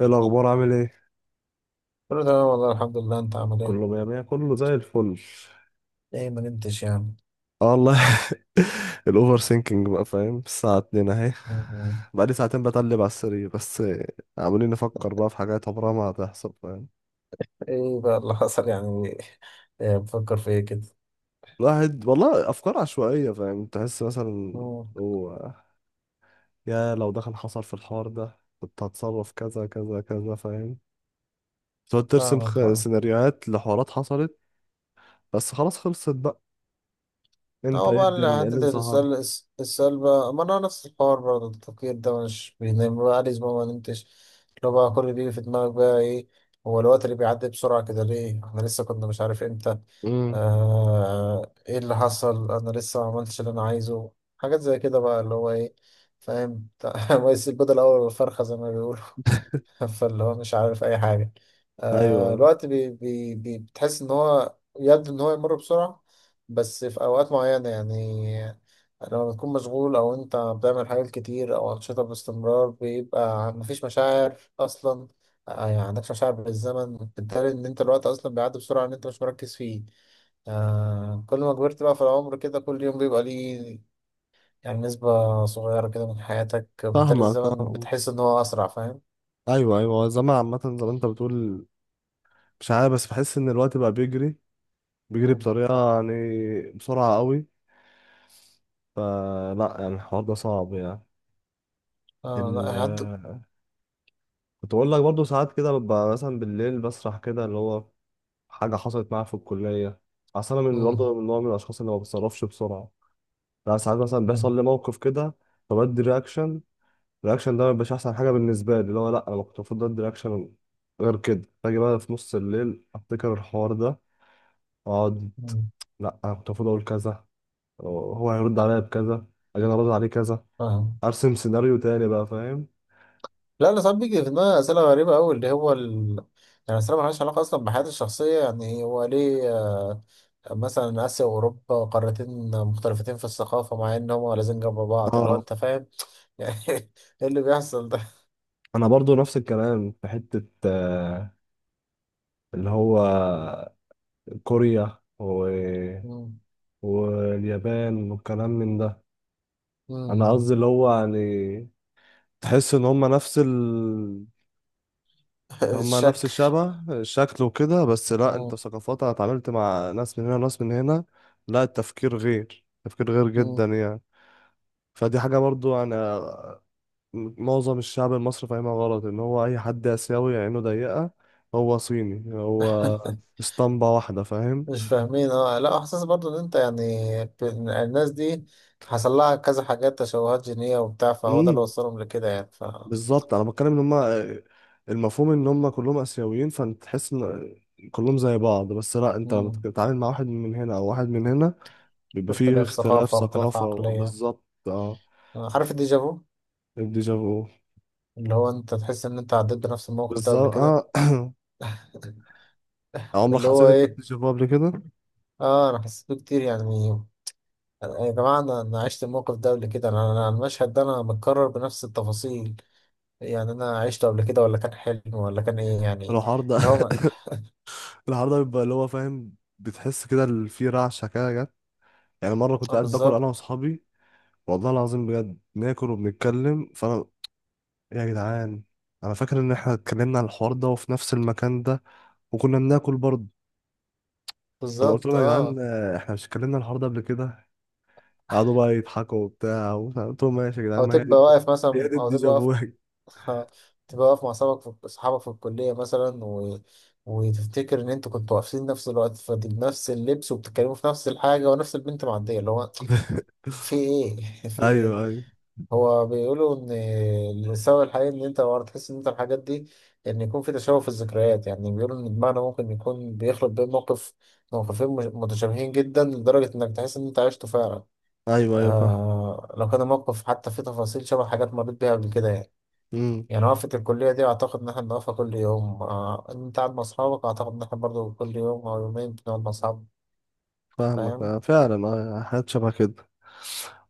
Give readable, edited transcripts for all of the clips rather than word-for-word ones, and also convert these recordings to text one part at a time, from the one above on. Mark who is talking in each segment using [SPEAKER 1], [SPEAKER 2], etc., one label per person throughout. [SPEAKER 1] ايه الاخبار؟ عامل ايه؟
[SPEAKER 2] كله تمام والله الحمد لله، انت عامل ايه؟
[SPEAKER 1] كله مية مية، كله زي الفل.
[SPEAKER 2] ايه، ما نمتش يعني.
[SPEAKER 1] اه والله. الاوفر سينكينج بقى، فاهم؟ الساعة 2 اهي.
[SPEAKER 2] مم.
[SPEAKER 1] بقالي ساعتين بتقلب على السرير بس. عمالين نفكر بقى في حاجات عمرها ما هتحصل، فاهم؟
[SPEAKER 2] ايه بقى اللي حصل يعني؟ ايه بفكر في ايه كده؟
[SPEAKER 1] الواحد والله افكار عشوائية، فاهم؟ تحس مثلا
[SPEAKER 2] مم.
[SPEAKER 1] هو يا لو ده كان حصل في الحوار ده كنت هتصرف كذا كذا كذا، فاهم؟ تقعد ترسم
[SPEAKER 2] فاهمك.
[SPEAKER 1] سيناريوهات لحوارات حصلت. بس خلاص، خلصت بقى. انت
[SPEAKER 2] هو
[SPEAKER 1] ايه؟
[SPEAKER 2] بقى اللي
[SPEAKER 1] الدنيا ايه اللي
[SPEAKER 2] حتة
[SPEAKER 1] مسهر؟
[SPEAKER 2] السلبة، ما أنا نفس الحوار، برضه التفكير ده مش بينام بقى، عادي، ما نمتش. لو بقى كل اللي بيجي في دماغك بقى إيه. هو الوقت اللي بيعدي بسرعة كده ليه؟ إحنا لسه كنا، مش عارف إمتى.
[SPEAKER 1] امم
[SPEAKER 2] إيه اللي حصل؟ أنا لسه ما عملتش اللي أنا عايزه. حاجات زي كده بقى، اللي هو إيه، فاهم؟ ما يسيب بدل أول الفرخة زي ما بيقولوا. فاللي هو مش عارف اي حاجه. آه،
[SPEAKER 1] ايوه
[SPEAKER 2] الوقت بي بي بي بتحس ان هو يبدو ان هو يمر بسرعه. بس في اوقات معينه يعني، لما بتكون مشغول او انت بتعمل حاجات كتير او انشطه باستمرار، بيبقى مفيش مشاعر اصلا. آه يعني عندكش مشاعر بالزمن، بالتالي ان انت الوقت اصلا بيعدي بسرعه ان انت مش مركز فيه. آه، كل ما كبرت بقى في العمر كده، كل يوم بيبقى ليه يعني نسبة صغيرة كده من حياتك، بالتالي
[SPEAKER 1] فاهمك
[SPEAKER 2] الزمن
[SPEAKER 1] اه.
[SPEAKER 2] بتحس إن هو أسرع، فاهم؟
[SPEAKER 1] ايوه ايوه، هو الزمن عامة زي ما انت بتقول. مش عارف بس بحس ان الوقت بقى بيجري، بيجري بطريقة يعني بسرعة قوي. فلا يعني الحوار ده صعب يعني.
[SPEAKER 2] اه،
[SPEAKER 1] ال...
[SPEAKER 2] لا حد.
[SPEAKER 1] آه، كنت بقول لك برضه ساعات كده ببقى مثلا بالليل بسرح كده، اللي هو حاجة حصلت معايا في الكلية. اصل انا من
[SPEAKER 2] مم.
[SPEAKER 1] برضه من نوع من الاشخاص اللي ما بتصرفش بسرعة. لا ساعات مثلا
[SPEAKER 2] مم.
[SPEAKER 1] بيحصل لي موقف كده فبدي رياكشن. الرياكشن ده ما بيبقاش احسن حاجة بالنسبة لي، اللي هو لا، انا كنت المفروض ادي رياكشن. غير كده باجي بقى في نص الليل افتكر الحوار ده واقعد:
[SPEAKER 2] مم.
[SPEAKER 1] لا، انا كنت المفروض اقول كذا، هو هيرد عليا بكذا، اجي انا ارد عليه كذا.
[SPEAKER 2] فاهم.
[SPEAKER 1] ارسم سيناريو تاني بقى، فاهم؟
[SPEAKER 2] لا، انا ساعات بيجي في دماغي اسئله غريبه قوي، اللي هو يعني اسئله مالهاش علاقه اصلا بحياتي الشخصيه، يعني هو ليه آه، مثلا اسيا واوروبا قارتين مختلفتين في الثقافه مع ان هما لازم جنب بعض، اللي هو
[SPEAKER 1] اه
[SPEAKER 2] انت فاهم يعني ايه اللي بيحصل ده؟
[SPEAKER 1] انا برضو نفس الكلام في حتة اللي هو كوريا
[SPEAKER 2] مم.
[SPEAKER 1] واليابان والكلام من ده.
[SPEAKER 2] مم.
[SPEAKER 1] انا
[SPEAKER 2] مم.
[SPEAKER 1] قصدي اللي هو يعني تحس ان هم نفس هم نفس
[SPEAKER 2] الشك.
[SPEAKER 1] الشبه، الشكل وكده، بس لا انت
[SPEAKER 2] مم.
[SPEAKER 1] ثقافات. انا اتعاملت مع ناس من هنا وناس من هنا، لا التفكير غير، تفكير غير جدا
[SPEAKER 2] مم.
[SPEAKER 1] يعني. فدي حاجة برضو أنا، معظم الشعب المصري فاهمها غلط، إن هو أي حد آسيوي عينه ضيقة هو صيني، هو اسطمبة واحدة، فاهم؟
[SPEAKER 2] مش فاهمين، اه، لا احساس برضو ان انت يعني ب- الناس دي حصل لها كذا حاجات، تشوهات جينية وبتاع، فهو ده اللي
[SPEAKER 1] امم
[SPEAKER 2] وصلهم لكده يعني
[SPEAKER 1] بالظبط، أنا بتكلم إن هما المفهوم إن هما كلهم آسيويين فأنت تحس إن كلهم زي بعض. بس لأ، أنت لما
[SPEAKER 2] مم.
[SPEAKER 1] بتتعامل مع واحد من هنا أو واحد من هنا
[SPEAKER 2] في
[SPEAKER 1] بيبقى فيه
[SPEAKER 2] اختلاف
[SPEAKER 1] اختلاف
[SPEAKER 2] ثقافة واختلاف
[SPEAKER 1] ثقافة
[SPEAKER 2] عقلية.
[SPEAKER 1] بالظبط أه.
[SPEAKER 2] آه، عارف الديجافو؟
[SPEAKER 1] الديجافو.
[SPEAKER 2] اللي هو انت تحس ان انت عديت بنفس الموقف ده قبل
[SPEAKER 1] بالظبط
[SPEAKER 2] كده،
[SPEAKER 1] أه. عمرك
[SPEAKER 2] اللي
[SPEAKER 1] حسيت
[SPEAKER 2] هو
[SPEAKER 1] أنت
[SPEAKER 2] ايه.
[SPEAKER 1] بديجافو قبل كده؟
[SPEAKER 2] اه، انا حسيت بيه كتير يعني. يا جماعة، انا عشت الموقف ده قبل كده. انا، المشهد ده انا متكرر بنفس التفاصيل يعني، انا عشته قبل كده ولا كان حلم ولا كان ايه يعني،
[SPEAKER 1] الحوار ده
[SPEAKER 2] اللي هو.
[SPEAKER 1] العرضة بيبقى اللي هو، فاهم؟ بتحس كده في رعشة كده جت. يعني مرة كنت
[SPEAKER 2] اه،
[SPEAKER 1] قاعد باكل أنا
[SPEAKER 2] بالظبط.
[SPEAKER 1] وأصحابي، والله العظيم بجد ناكل وبنتكلم فأنا: يا جدعان، أنا فاكر إن إحنا اتكلمنا عن الحوار ده وفي نفس المكان ده وكنا بناكل برضه. فأنا قلت
[SPEAKER 2] بالظبط،
[SPEAKER 1] لهم: يا جدعان
[SPEAKER 2] اه.
[SPEAKER 1] آه، إحنا مش اتكلمنا عن الحوار ده قبل كده؟ قعدوا بقى يضحكوا وبتاع ومش عارف. قلت لهم ماشي يا جدعان،
[SPEAKER 2] او
[SPEAKER 1] ما هي
[SPEAKER 2] تبقى
[SPEAKER 1] دي،
[SPEAKER 2] واقف
[SPEAKER 1] هي
[SPEAKER 2] مثلا،
[SPEAKER 1] دي
[SPEAKER 2] او تبقى واقف.
[SPEAKER 1] الديجافو.
[SPEAKER 2] تبقى واقف مع اصحابك، في الكليه مثلا، وتفتكر ان انتوا كنتوا واقفين نفس الوقت في نفس اللبس وبتتكلموا في نفس الحاجه، ونفس البنت معديه، اللي هو في ايه؟ في ايه؟
[SPEAKER 1] أيوه أيوه.
[SPEAKER 2] هو بيقولوا ان السبب الحقيقي ان انت ورا تحس ان انت الحاجات دي، ان يكون في تشابه في الذكريات. يعني بيقولوا ان دماغنا ممكن يكون بيخلط بين موقفين متشابهين جدا لدرجه انك تحس ان انت عشته فعلا.
[SPEAKER 1] أيوه أيوه،
[SPEAKER 2] آه، لو كان الموقف حتى فيه تفاصيل شبه حاجات مريت بيها قبل كده يعني.
[SPEAKER 1] فاهم.
[SPEAKER 2] يعني وقفة الكلية دي، أعتقد إن إحنا بنقفها كل يوم. آه، أنت قاعد مع أصحابك، أعتقد إن إحنا برضه كل يوم أو يومين بنقعد مع أصحابنا،
[SPEAKER 1] فاهمك
[SPEAKER 2] فاهم؟
[SPEAKER 1] آه، فعلا آه، حاجات شبه كده.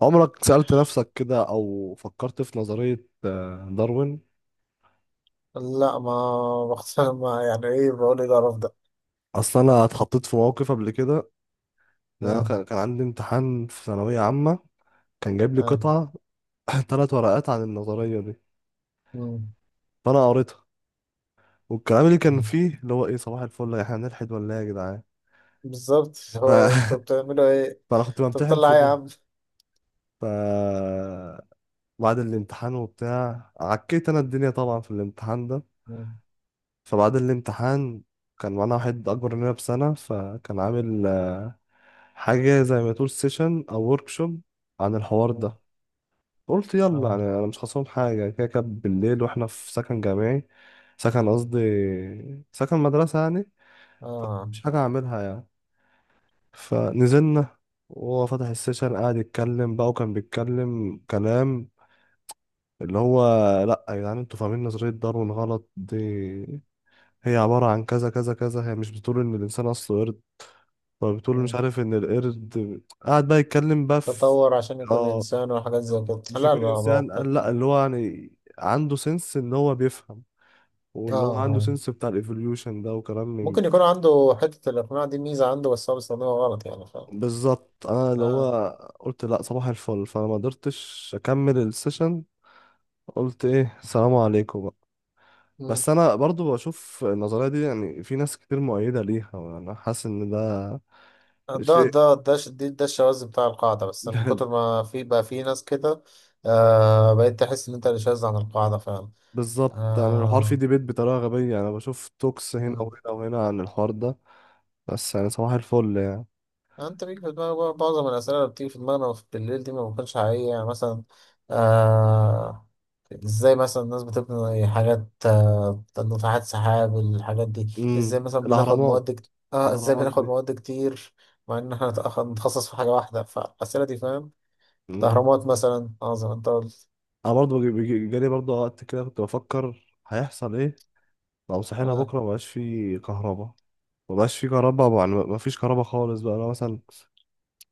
[SPEAKER 1] عمرك سألت نفسك كده أو فكرت في نظرية آه، داروين؟
[SPEAKER 2] لا، ما بختار. ما يعني إيه؟ بقول إيه القرف ده؟
[SPEAKER 1] أصل أنا اتحطيت في موقف قبل كده، إن أنا
[SPEAKER 2] آه.
[SPEAKER 1] كان عندي امتحان في ثانوية عامة، كان جايب لي
[SPEAKER 2] آه.
[SPEAKER 1] قطعة 3 ورقات عن النظرية دي.
[SPEAKER 2] مم.
[SPEAKER 1] فأنا قريتها، والكلام اللي كان
[SPEAKER 2] مم.
[SPEAKER 1] فيه اللي هو إيه؟ صباح الفل، إحنا هنلحد ولا إيه يا جدعان؟
[SPEAKER 2] بالظبط.
[SPEAKER 1] ف...
[SPEAKER 2] هو أنتوا بتعملوا إيه؟
[SPEAKER 1] فأنا كنت
[SPEAKER 2] أنتوا
[SPEAKER 1] بمتحن
[SPEAKER 2] بتطلع
[SPEAKER 1] في
[SPEAKER 2] إيه يا
[SPEAKER 1] ده.
[SPEAKER 2] عم؟
[SPEAKER 1] ف بعد الامتحان وبتاع عكيت أنا الدنيا طبعا في الامتحان ده.
[SPEAKER 2] مم.
[SPEAKER 1] فبعد الامتحان كان معانا واحد أكبر مننا بسنة، فكان عامل آه، حاجة زي ما تقول سيشن أو شوب عن الحوار
[SPEAKER 2] مم.
[SPEAKER 1] ده. قلت يلا
[SPEAKER 2] آه.
[SPEAKER 1] يعني، أنا مش خاصهم حاجة، كده كده بالليل وإحنا في سكن جامعي، سكن قصدي سكن مدرسة يعني،
[SPEAKER 2] آه.
[SPEAKER 1] مش حاجة أعملها يعني. فنزلنا، وهو فتح السيشن قاعد يتكلم بقى، وكان بيتكلم كلام اللي هو: لأ يا جدعان، انتوا فاهمين نظرية داروين غلط، دي هي عبارة عن كذا كذا كذا، هي مش بتقول إن الإنسان أصله قرد. فبتقول مش
[SPEAKER 2] مم.
[SPEAKER 1] عارف ان القرد قاعد بقى يتكلم بقى في،
[SPEAKER 2] تطور عشان يكون
[SPEAKER 1] اه،
[SPEAKER 2] إنسان وحاجات زي كده،
[SPEAKER 1] مش
[SPEAKER 2] لا
[SPEAKER 1] يكون
[SPEAKER 2] لا
[SPEAKER 1] انسان،
[SPEAKER 2] بختار.
[SPEAKER 1] قال لا، اللي هو يعني عنده سنس ان هو بيفهم،
[SPEAKER 2] آه
[SPEAKER 1] واللي هو عنده
[SPEAKER 2] آه،
[SPEAKER 1] سنس بتاع الايفوليوشن ده وكلام من،
[SPEAKER 2] ممكن يكون عنده حتة الإقناع دي ميزة عنده، بس هو بيستخدمها غلط يعني، فاهم؟
[SPEAKER 1] بالظبط. انا اللي
[SPEAKER 2] آه.
[SPEAKER 1] هو قلت لا، صباح الفل. فانا ما قدرتش اكمل السيشن، قلت ايه السلام عليكم بقى. بس انا برضو بشوف النظريه دي يعني في ناس كتير مؤيده ليها وانا حاسس ان ده
[SPEAKER 2] ده
[SPEAKER 1] شيء.
[SPEAKER 2] ده ده ش- دي- ده الشواذ بتاع القاعدة، بس من كتر ما في بقى في ناس كده. آه، بقيت تحس إن أنت اللي شاذ عن القاعدة فعلا.
[SPEAKER 1] بالظبط، يعني الحوار فيه
[SPEAKER 2] آه.
[SPEAKER 1] ديبيت بطريقة غبية يعني، بشوف توكس هنا
[SPEAKER 2] مم.
[SPEAKER 1] وهنا وهنا عن الحوار ده. بس يعني صباح الفل يعني.
[SPEAKER 2] آه، أنت بيجي في دماغك بقى معظم الأسئلة اللي بتيجي في دماغنا في بالليل دي ما بتكونش حقيقية، يعني مثلا آه، إزاي مثلا الناس بتبني حاجات، ناطحات سحاب الحاجات دي،
[SPEAKER 1] امم
[SPEAKER 2] إزاي مثلا بناخد
[SPEAKER 1] الأهرامات.
[SPEAKER 2] مواد إزاي
[SPEAKER 1] الأهرامات
[SPEAKER 2] بناخد
[SPEAKER 1] دي.
[SPEAKER 2] مواد كتير مع إن إحنا نتخصص في حاجة واحدة، فالأسئلة دي فاهم.
[SPEAKER 1] امم.
[SPEAKER 2] الأهرامات مثلا، عظمة أنت قلت.
[SPEAKER 1] أنا برضه جالي برضه وقت كده كنت بفكر هيحصل إيه لو صحينا
[SPEAKER 2] آه.
[SPEAKER 1] بكرة مبقاش فيه كهرباء؟ مبقاش فيه كهرباء يعني مفيش كهرباء خالص بقى، أنا مثلا،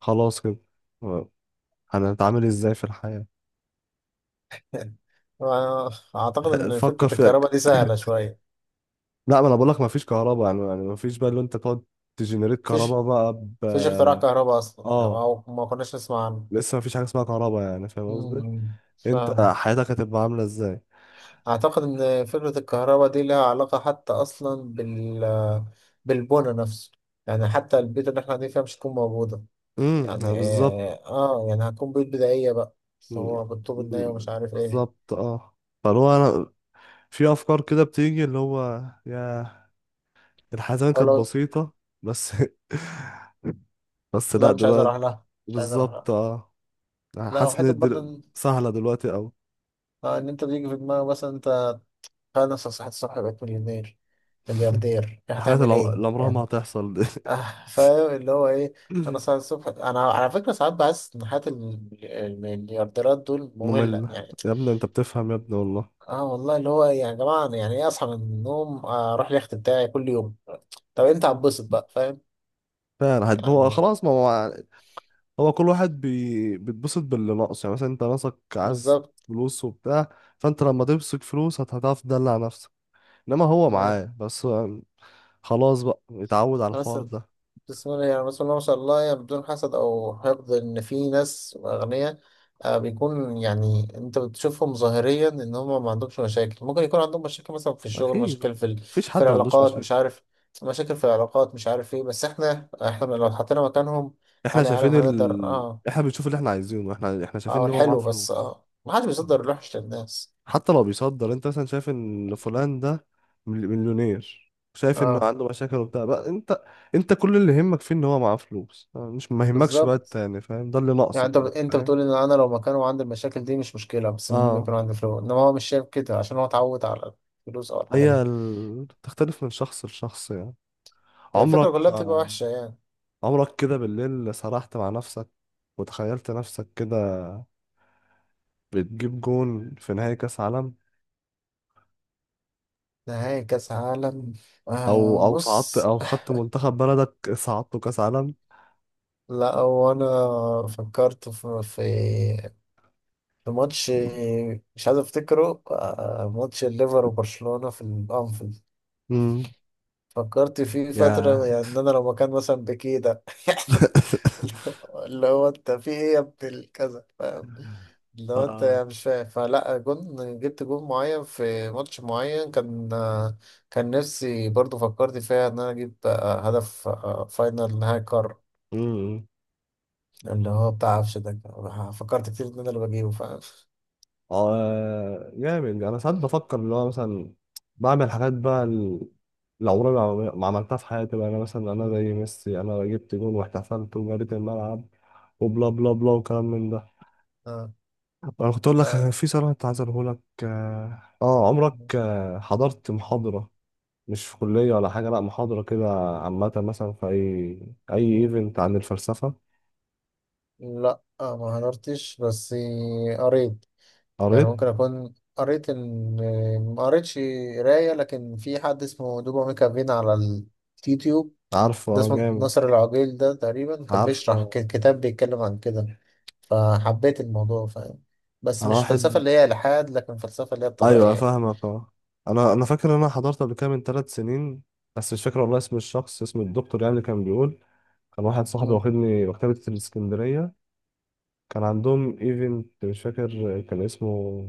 [SPEAKER 1] خلاص كده، هنتعامل إزاي في الحياة؟
[SPEAKER 2] اعتقد ان
[SPEAKER 1] فكر
[SPEAKER 2] فكره
[SPEAKER 1] فيها.
[SPEAKER 2] الكهرباء دي سهله شويه.
[SPEAKER 1] لا ما أنا بقولك مفيش كهرباء يعني، يعني مفيش بقى اللي أنت تقعد تجنريت
[SPEAKER 2] مفيش
[SPEAKER 1] كهرباء بقى. ب
[SPEAKER 2] مفيش اختراع كهرباء اصلا يعني،
[SPEAKER 1] اه،
[SPEAKER 2] او ما كناش نسمع عنه.
[SPEAKER 1] لسه مفيش حاجه اسمها كهرباء يعني، فاهم قصدي؟
[SPEAKER 2] أمم.
[SPEAKER 1] انت
[SPEAKER 2] فاهم.
[SPEAKER 1] حياتك هتبقى عامله ازاي؟
[SPEAKER 2] اعتقد ان فكره الكهرباء دي لها علاقه حتى اصلا بالبنى نفسه، يعني حتى البيت اللي احنا قاعدين فيها مش هتكون موجوده
[SPEAKER 1] امم،
[SPEAKER 2] يعني.
[SPEAKER 1] بالظبط.
[SPEAKER 2] اه، آه، يعني هتكون بيوت بدائيه بقى، بس هو
[SPEAKER 1] مم،
[SPEAKER 2] بالطوب الناي ومش عارف ايه.
[SPEAKER 1] بالظبط اه. فاللي هو انا، في افكار كده بتيجي اللي هو يا، الحياه زمان
[SPEAKER 2] او
[SPEAKER 1] كانت
[SPEAKER 2] لو،
[SPEAKER 1] بسيطه. بس بس لا
[SPEAKER 2] لا مش عايز
[SPEAKER 1] دلوقتي.
[SPEAKER 2] اروح لها، مش عايز اروح
[SPEAKER 1] بالظبط
[SPEAKER 2] لها.
[SPEAKER 1] اه.
[SPEAKER 2] لا،
[SPEAKER 1] حاسس
[SPEAKER 2] وحته
[SPEAKER 1] ان
[SPEAKER 2] برضه ان
[SPEAKER 1] سهله دلوقتي قوي.
[SPEAKER 2] آه، إن انت بيجي في دماغك مثلا انت، خلاص يا صاحبي الصبح بقيت مليونير، ملياردير،
[SPEAKER 1] الحاجات
[SPEAKER 2] هتعمل
[SPEAKER 1] اللي
[SPEAKER 2] ايه
[SPEAKER 1] اللي عمرها ما
[SPEAKER 2] يعني؟
[SPEAKER 1] هتحصل دي.
[SPEAKER 2] آه فاهم اللي هو ايه. انا صاحي الصبح، انا على فكره ساعات بحس ان حياه المليارديرات دول ممله
[SPEAKER 1] مملة
[SPEAKER 2] يعني.
[SPEAKER 1] يا ابني. انت بتفهم يا ابني والله.
[SPEAKER 2] اه والله، اللي هو يعني يا جماعه، أنا يعني ايه اصحى من النوم آه، اروح اليخت بتاعي كل يوم. طب انت هتبسط بقى فاهم
[SPEAKER 1] فعلا هو
[SPEAKER 2] يعني.
[SPEAKER 1] خلاص، ما هو هو كل واحد بيتبسط باللي ناقص يعني. مثلا انت ناقصك عايز
[SPEAKER 2] بالظبط.
[SPEAKER 1] فلوس وبتاع، فانت لما تمسك فلوس هتعرف تدلع نفسك. انما هو
[SPEAKER 2] ما-
[SPEAKER 1] معاه بس، هو خلاص بقى اتعود على
[SPEAKER 2] بس
[SPEAKER 1] الحوار ده.
[SPEAKER 2] بسم الله يعني، بسم الله ما شاء الله يعني، بدون حسد او حقد، ان في ناس اغنياء آه، بيكون يعني انت بتشوفهم ظاهريا ان هم ما عندهمش مشاكل، ممكن يكون عندهم مشاكل مثلا في الشغل،
[SPEAKER 1] اكيد.
[SPEAKER 2] مشاكل في
[SPEAKER 1] مفيش
[SPEAKER 2] في
[SPEAKER 1] حد ما عندوش
[SPEAKER 2] العلاقات، مش
[SPEAKER 1] مشاكل.
[SPEAKER 2] عارف، مشاكل في العلاقات، مش عارف ايه، بس احنا لو اتحطينا مكانهم
[SPEAKER 1] احنا
[SPEAKER 2] هل يا عالم
[SPEAKER 1] شايفين
[SPEAKER 2] هنقدر؟ اه.
[SPEAKER 1] احنا بنشوف اللي احنا عايزينه. احنا شايفين
[SPEAKER 2] اه
[SPEAKER 1] ان هو معاه
[SPEAKER 2] الحلو بس،
[SPEAKER 1] فلوس.
[SPEAKER 2] اه ما حدش بيصدر الوحش للناس.
[SPEAKER 1] حتى لو بيصدر، انت مثلا شايف ان فلان ده مليونير، شايف انه
[SPEAKER 2] اه
[SPEAKER 1] عنده مشاكل وبتاع بقى، انت انت كل اللي يهمك فيه ان هو معاه فلوس، مش ما يهمكش بقى
[SPEAKER 2] بالظبط.
[SPEAKER 1] التاني، فاهم؟ ده اللي
[SPEAKER 2] يعني
[SPEAKER 1] ناقصك.
[SPEAKER 2] انت بتقول ان انا لو مكانه وعندي المشاكل دي مش مشكله، بس المهم يكون
[SPEAKER 1] اه.
[SPEAKER 2] عندي فلوس، انما هو مش شايف كده عشان هو اتعود على الفلوس او الحاجه
[SPEAKER 1] هي
[SPEAKER 2] دي.
[SPEAKER 1] تختلف من شخص لشخص يعني.
[SPEAKER 2] هي الفكره
[SPEAKER 1] عمرك،
[SPEAKER 2] كلها بتبقى وحشه يعني.
[SPEAKER 1] عمرك كده بالليل سرحت مع نفسك وتخيلت نفسك كده بتجيب جون في نهائي كأس عالم؟
[SPEAKER 2] نهائي كاس عالم.
[SPEAKER 1] او
[SPEAKER 2] آه
[SPEAKER 1] او صعدت،
[SPEAKER 2] بص،
[SPEAKER 1] او خدت منتخب بلدك صعدته كأس عالم؟
[SPEAKER 2] لا هو انا فكرت في، في ماتش مش عايز افتكره، آه، ماتش الليفر وبرشلونه في الانفيلد.
[SPEAKER 1] امم.
[SPEAKER 2] فكرت فيه
[SPEAKER 1] يا.
[SPEAKER 2] فتره، يعني ان انا لو مكان مثلا بكيه ده. اللي هو انت في ايه يا ابن الكذا، فاهم؟ اللي هو انت
[SPEAKER 1] اه.
[SPEAKER 2] يعني مش فاهم، فلا جون، جبت جون معين في ماتش معين كان، كان نفسي برضو فكرت فيها ان انا اجيب آه، هدف، فاينل، نهائي قارة،
[SPEAKER 1] امم.
[SPEAKER 2] اللي هو بتاع عفش ده. فكرت كتير ان انا اللي بجيبه، فاهم؟
[SPEAKER 1] اه جامد. انا ساعات بفكر اللي هو مثلا بعمل حاجات بقى اللي عمري ما عملتها في حياتي بقى، انا مثلا انا زي ميسي، انا جبت جون واحتفلت وجريت الملعب وبلا بلا بلا وكلام من ده.
[SPEAKER 2] آه.
[SPEAKER 1] انا كنت اقول لك
[SPEAKER 2] لا.
[SPEAKER 1] في سؤال كنت عايز اقوله لك اه آه، عمرك آه، حضرت محاضرة؟ مش في كلية ولا حاجة، لا محاضرة كده عامة مثلا، في اي
[SPEAKER 2] مم.
[SPEAKER 1] ايفنت عن الفلسفة؟
[SPEAKER 2] لا آه، ما حضرتش، بس قريت. يعني
[SPEAKER 1] قريت.
[SPEAKER 2] ممكن أكون قريت إن ما قريتش، قراية، لكن في حد اسمه دوبا ميكافين على اليوتيوب،
[SPEAKER 1] عارفه
[SPEAKER 2] ده
[SPEAKER 1] آه،
[SPEAKER 2] اسمه
[SPEAKER 1] جامد.
[SPEAKER 2] ناصر العقيل، ده تقريبا كان بيشرح
[SPEAKER 1] عارفه.
[SPEAKER 2] كتاب بيتكلم عن كده، فحبيت الموضوع فاهم. بس
[SPEAKER 1] انا
[SPEAKER 2] مش فلسفة
[SPEAKER 1] واحد،
[SPEAKER 2] اللي هي إلحاد، لكن فلسفة اللي هي
[SPEAKER 1] ايوه
[SPEAKER 2] الطبيعية.
[SPEAKER 1] فاهمك اه. انا فاكر ان انا حضرت قبل كده من 3 سنين. بس مش فاكر والله اسم الشخص، اسم الدكتور يعني اللي كان بيقول. كان واحد صاحبي
[SPEAKER 2] مم.
[SPEAKER 1] واخدني مكتبة الاسكندرية، كان عندهم ايفنت مش فاكر كان اسمه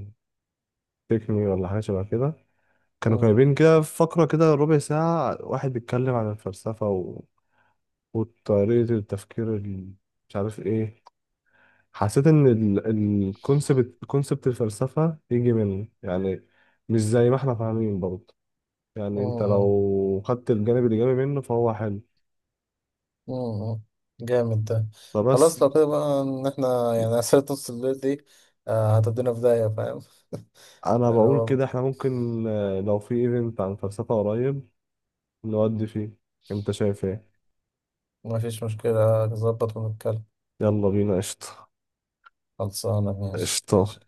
[SPEAKER 1] تيك مي ولا حاجة شبه كده. كانوا
[SPEAKER 2] مم.
[SPEAKER 1] جايبين كده فقرة كده ربع ساعة، واحد بيتكلم عن الفلسفة وطريقة التفكير مش عارف ايه. حسيت ان الكونسبت، كونسبت الفلسفة يجي منه يعني، مش زي ما احنا فاهمين برضه. يعني انت
[SPEAKER 2] مم.
[SPEAKER 1] لو خدت الجانب الإيجابي منه فهو حلو.
[SPEAKER 2] مم. جامد ده.
[SPEAKER 1] فبس
[SPEAKER 2] خلاص لو كده بقى إن إحنا يعني أسئلة نص الليل دي آه، هتدينا في داهية، فاهم؟
[SPEAKER 1] انا
[SPEAKER 2] اللي
[SPEAKER 1] بقول
[SPEAKER 2] هو.
[SPEAKER 1] كده احنا ممكن آه، لو في ايفنت عن فلسفة قريب نودي فيه. انت شايف ايه؟
[SPEAKER 2] مفيش مشكلة، نظبط ونتكلم.
[SPEAKER 1] يلا بينا قشطة.
[SPEAKER 2] خلصانة، ماشي ماشي.
[SPEAKER 1] قشطة.